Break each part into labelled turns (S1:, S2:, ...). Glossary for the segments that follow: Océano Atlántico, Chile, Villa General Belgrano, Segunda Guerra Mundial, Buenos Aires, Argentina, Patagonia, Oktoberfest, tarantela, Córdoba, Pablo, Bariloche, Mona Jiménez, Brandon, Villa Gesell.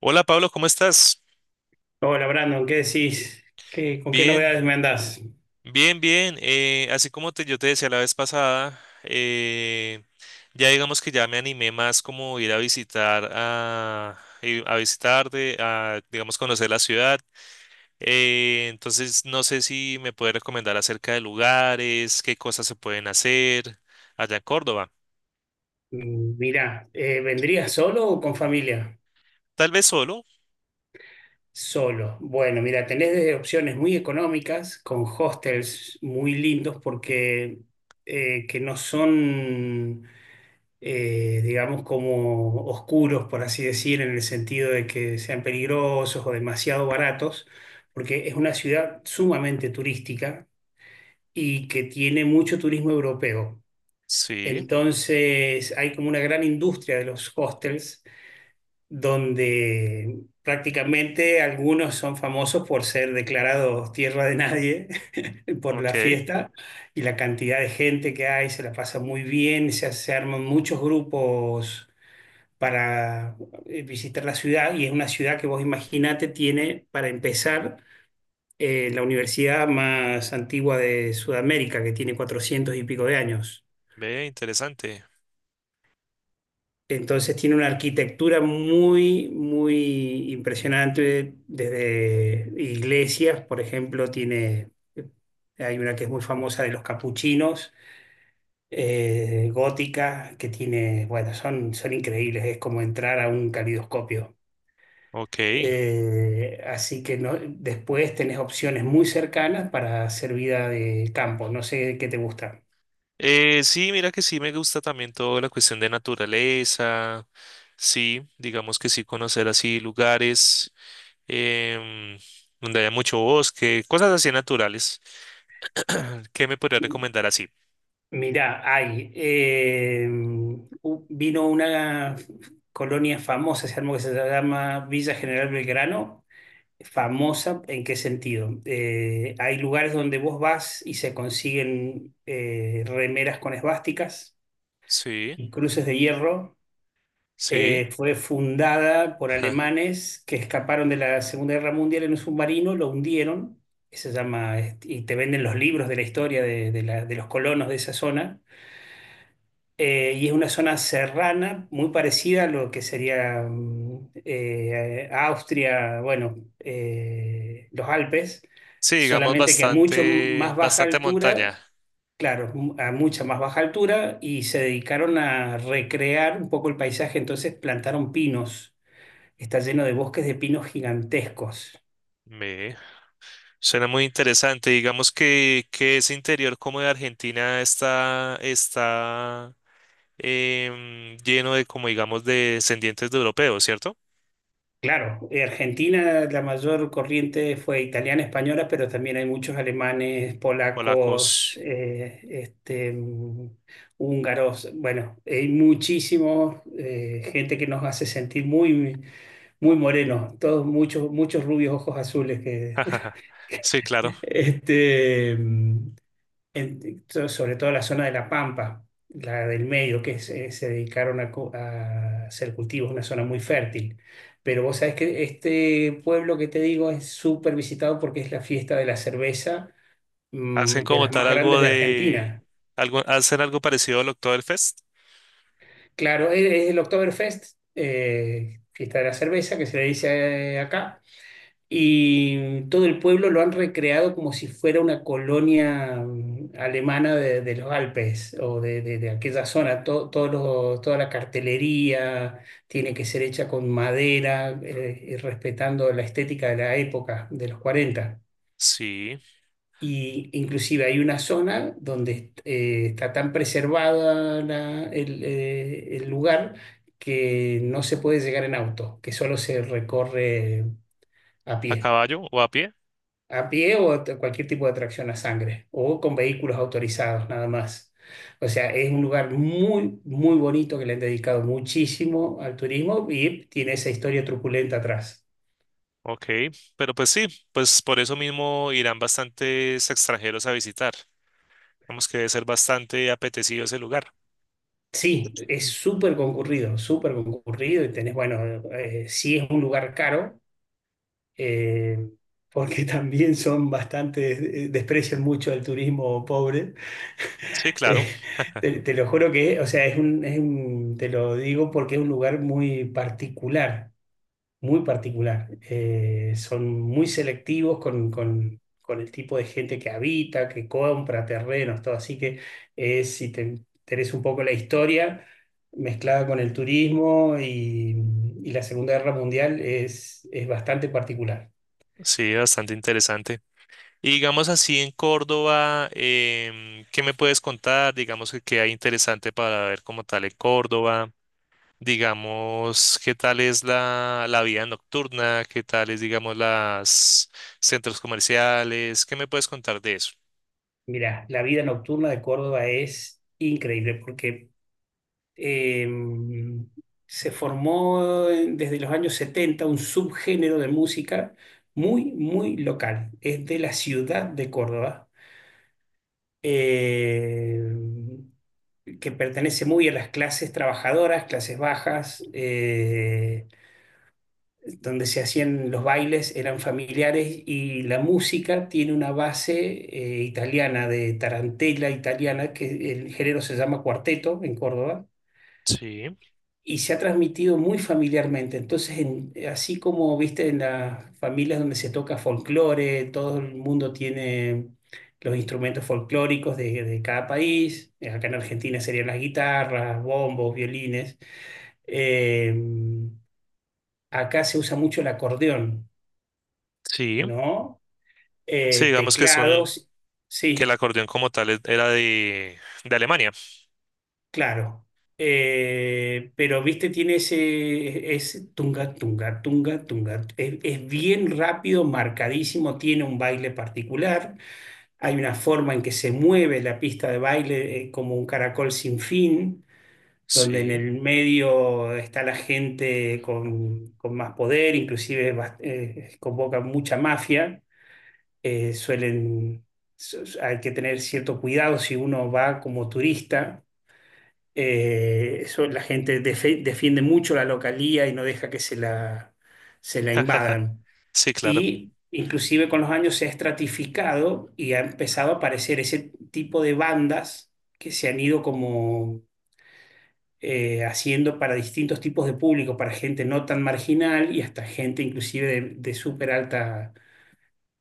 S1: Hola Pablo, ¿cómo estás?
S2: Hola Brandon, ¿qué decís? ¿Con qué
S1: Bien,
S2: novedades me andás?
S1: bien, bien. Así como te, yo te decía la vez pasada, ya digamos que ya me animé más como ir a visitar a, ir a visitarte, a digamos conocer la ciudad. Entonces no sé si me puedes recomendar acerca de lugares, qué cosas se pueden hacer allá en Córdoba.
S2: Mm, mirá, ¿vendrías solo o con familia?
S1: Tal vez solo.
S2: Solo. Bueno, mira, tenés desde opciones muy económicas, con hostels muy lindos porque que no son, digamos, como oscuros, por así decir, en el sentido de que sean peligrosos o demasiado baratos, porque es una ciudad sumamente turística y que tiene mucho turismo europeo.
S1: Sí,
S2: Entonces hay como una gran industria de los hostels donde prácticamente algunos son famosos por ser declarados tierra de nadie por la
S1: ok,
S2: fiesta y la cantidad de gente que hay, se la pasa muy bien, se arman muchos grupos para visitar la ciudad, y es una ciudad que vos imaginate tiene, para empezar, la universidad más antigua de Sudamérica, que tiene 400 y pico de años.
S1: ve, interesante.
S2: Entonces tiene una arquitectura muy, muy impresionante desde iglesias. Por ejemplo, tiene, hay una que es muy famosa, de los capuchinos, gótica, que tiene, bueno, son increíbles, es como entrar a un calidoscopio.
S1: Ok.
S2: Así que no- Después tenés opciones muy cercanas para hacer vida de campo, no sé qué te gusta.
S1: Sí, mira que sí me gusta también toda la cuestión de naturaleza, sí, digamos que sí conocer así lugares em, donde haya mucho bosque, cosas así naturales. ¿Qué me podría recomendar así?
S2: Mirá, vino una colonia famosa, se armó, que se llama Villa General Belgrano. Famosa, ¿en qué sentido? Hay lugares donde vos vas y se consiguen remeras con esvásticas
S1: Sí,
S2: y cruces de hierro.
S1: sí,
S2: Fue fundada por
S1: ja.
S2: alemanes que escaparon de la Segunda Guerra Mundial en un submarino, lo hundieron. Que se llama, este, y te venden los libros de la historia de los colonos de esa zona, y es una zona serrana muy parecida a lo que sería Austria, bueno, los Alpes,
S1: Sí, digamos
S2: solamente que a mucho
S1: bastante,
S2: más baja
S1: bastante
S2: altura,
S1: montaña.
S2: claro, a mucha más baja altura, y se dedicaron a recrear un poco el paisaje, entonces plantaron pinos. Está lleno de bosques de pinos gigantescos.
S1: Me suena muy interesante. Digamos que ese interior como de Argentina está, está lleno de como digamos de descendientes de europeos, ¿cierto?
S2: Claro, Argentina, la mayor corriente fue italiana, española, pero también hay muchos alemanes, polacos,
S1: Polacos.
S2: húngaros. Bueno, hay muchísimo gente que nos hace sentir muy, muy morenos, todos muchos, muchos rubios, ojos azules que,
S1: Sí, claro.
S2: este, mm, sobre todo la zona de La Pampa, la del medio, que se dedicaron a, a hacer cultivos, una zona muy fértil. Pero vos sabés que este pueblo que te digo es súper visitado porque es la fiesta de la cerveza,
S1: Hacen
S2: mm, de
S1: como
S2: las
S1: tal
S2: más grandes
S1: algo
S2: de
S1: de...
S2: Argentina.
S1: Algo, hacen algo parecido al Oktoberfest.
S2: Claro, es el Oktoberfest, fiesta de la cerveza, que se le dice acá. Y todo el pueblo lo han recreado como si fuera una colonia mm, alemana de, los Alpes o de aquella zona. Toda la cartelería tiene que ser hecha con madera, y respetando la estética de la época, de los 40.
S1: Sí,
S2: Y inclusive hay una zona donde está tan preservada el lugar, que no se puede llegar en auto, que solo se recorre a
S1: a
S2: pie.
S1: caballo o a pie.
S2: A pie o a cualquier tipo de tracción a sangre o con vehículos autorizados nada más. O sea, es un lugar muy, muy bonito, que le han dedicado muchísimo al turismo y tiene esa historia truculenta atrás.
S1: Ok, pero pues sí, pues por eso mismo irán bastantes extranjeros a visitar. Vamos que debe ser bastante apetecido ese lugar.
S2: Sí, es
S1: Mm.
S2: súper concurrido, súper concurrido, y tenés, bueno, sí, es un lugar caro, eh, porque también son bastante, desprecian mucho al turismo pobre.
S1: Sí, claro,
S2: Eh, te lo juro que, o sea, te lo digo porque es un lugar muy particular. Muy particular. Son muy selectivos con, con el tipo de gente que habita, que compra terrenos, todo. Así que si te interesa un poco la historia mezclada con el turismo y la Segunda Guerra Mundial, es bastante particular.
S1: sí, bastante interesante. Y digamos así en Córdoba, ¿qué me puedes contar? Digamos que qué hay interesante para ver como tal en Córdoba. Digamos, qué tal es la, la vida nocturna, qué tal es, digamos, las centros comerciales, ¿qué me puedes contar de eso?
S2: Mirá, la vida nocturna de Córdoba es increíble porque Eh, se formó desde los años 70 un subgénero de música muy, muy local. Es de la ciudad de Córdoba, eh, que pertenece muy a las clases trabajadoras, clases bajas, donde se hacían los bailes, eran familiares, y la música tiene una base italiana, de tarantela italiana, que el género se llama cuarteto en Córdoba,
S1: Sí,
S2: y se ha transmitido muy familiarmente. Entonces, así como viste en las familias donde se toca folclore, todo el mundo tiene los instrumentos folclóricos de cada país. Acá en Argentina serían las guitarras, bombos, violines. Eh, Acá se usa mucho el acordeón,
S1: sí,
S2: ¿no?
S1: sí, digamos que son,
S2: Teclados,
S1: que el
S2: sí.
S1: acordeón como tal era de Alemania.
S2: Claro, pero viste, tiene ese, es tunga, tunga, tunga, tunga. Es bien rápido, marcadísimo, tiene un baile particular. Hay una forma en que se mueve la pista de baile, como un caracol sin fin, donde en
S1: Sí,
S2: el medio está la gente con más poder, inclusive convoca mucha mafia. Eh, suelen, hay que tener cierto cuidado si uno va como turista, la gente defiende mucho la localía y no deja que se la invadan.
S1: sí, claro.
S2: Y inclusive con los años se ha estratificado y ha empezado a aparecer ese tipo de bandas que se han ido como haciendo para distintos tipos de público, para gente no tan marginal y hasta gente inclusive de súper alta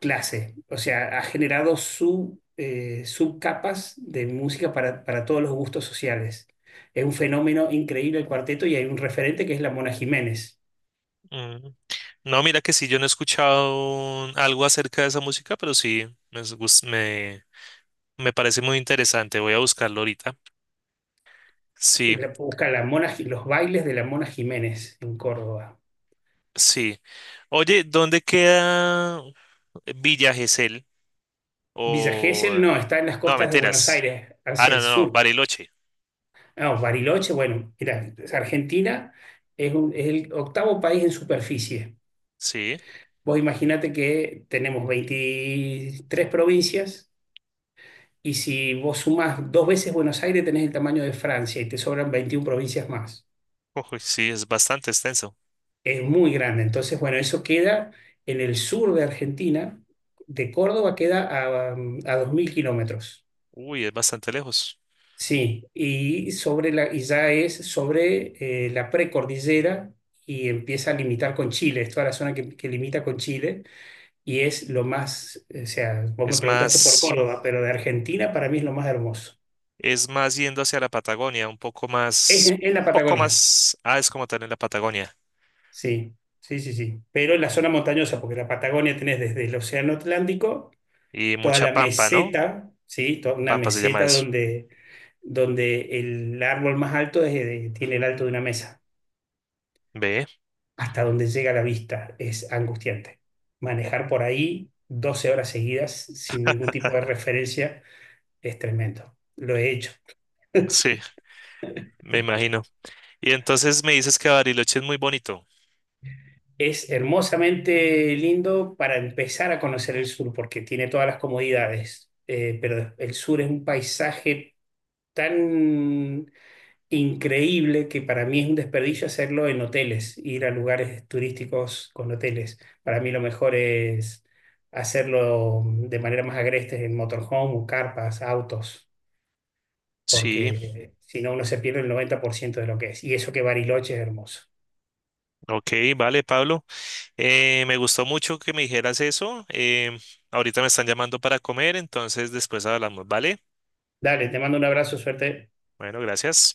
S2: clase. O sea, ha generado subcapas de música para todos los gustos sociales. Es un fenómeno increíble el cuarteto, y hay un referente que es la Mona Jiménez.
S1: Mm. No, mira que sí, yo no he escuchado algo acerca de esa música, pero sí, me me parece muy interesante, voy a buscarlo ahorita. Sí,
S2: Busca la Mona, los bailes de la Mona Jiménez en Córdoba.
S1: sí. Oye, ¿dónde queda Villa Gesell?
S2: Villa
S1: O...
S2: Gesell
S1: eh,
S2: no, está en las
S1: No,
S2: costas de Buenos
S1: mentiras.
S2: Aires,
S1: Ah,
S2: hacia el
S1: no, no, no,
S2: sur.
S1: Bariloche.
S2: No, Bariloche, bueno, mira, Argentina es el octavo país en superficie.
S1: Sí.
S2: Vos imaginate que tenemos 23 provincias. Y si vos sumás dos veces Buenos Aires, tenés el tamaño de Francia y te sobran 21 provincias más.
S1: Uy, sí, es bastante extenso.
S2: Es muy grande. Entonces, bueno, eso queda en el sur de Argentina. De Córdoba queda a, mm, a 2.000 kilómetros.
S1: Uy, es bastante lejos.
S2: Sí, y, y ya es sobre la precordillera y empieza a limitar con Chile. Es toda la zona que limita con Chile, y es lo más, o sea, vos me
S1: Es
S2: preguntaste por
S1: más,
S2: Córdoba, pero de Argentina para mí es lo más hermoso.
S1: es más yendo hacia la Patagonia, un
S2: Es la
S1: poco
S2: Patagonia.
S1: más, ah, es como tal en la Patagonia.
S2: Sí, sí, sí, sí. Pero en la zona montañosa, porque la Patagonia tenés desde el Océano Atlántico,
S1: Y
S2: toda
S1: mucha
S2: la
S1: pampa, ¿no?
S2: meseta, ¿sí? Toda una
S1: Pampa se llama
S2: meseta
S1: eso.
S2: donde, donde el árbol más alto tiene el alto de una mesa,
S1: Ve,
S2: hasta donde llega la vista. Es angustiante. Manejar por ahí 12 horas seguidas sin ningún tipo de referencia es tremendo. Lo he hecho.
S1: sí, me imagino. Y entonces me dices que Bariloche es muy bonito.
S2: Es hermosamente lindo para empezar a conocer el sur, porque tiene todas las comodidades, pero el sur es un paisaje tan increíble que para mí es un desperdicio hacerlo en hoteles, ir a lugares turísticos con hoteles. Para mí lo mejor es hacerlo de manera más agreste en motorhome o carpas, autos,
S1: Sí,
S2: porque si no uno se pierde el 90% de lo que es. Y eso que Bariloche es hermoso.
S1: ok, vale, Pablo. Me gustó mucho que me dijeras eso. Ahorita me están llamando para comer, entonces después hablamos, ¿vale?
S2: Dale, te mando un abrazo, suerte.
S1: Bueno, gracias.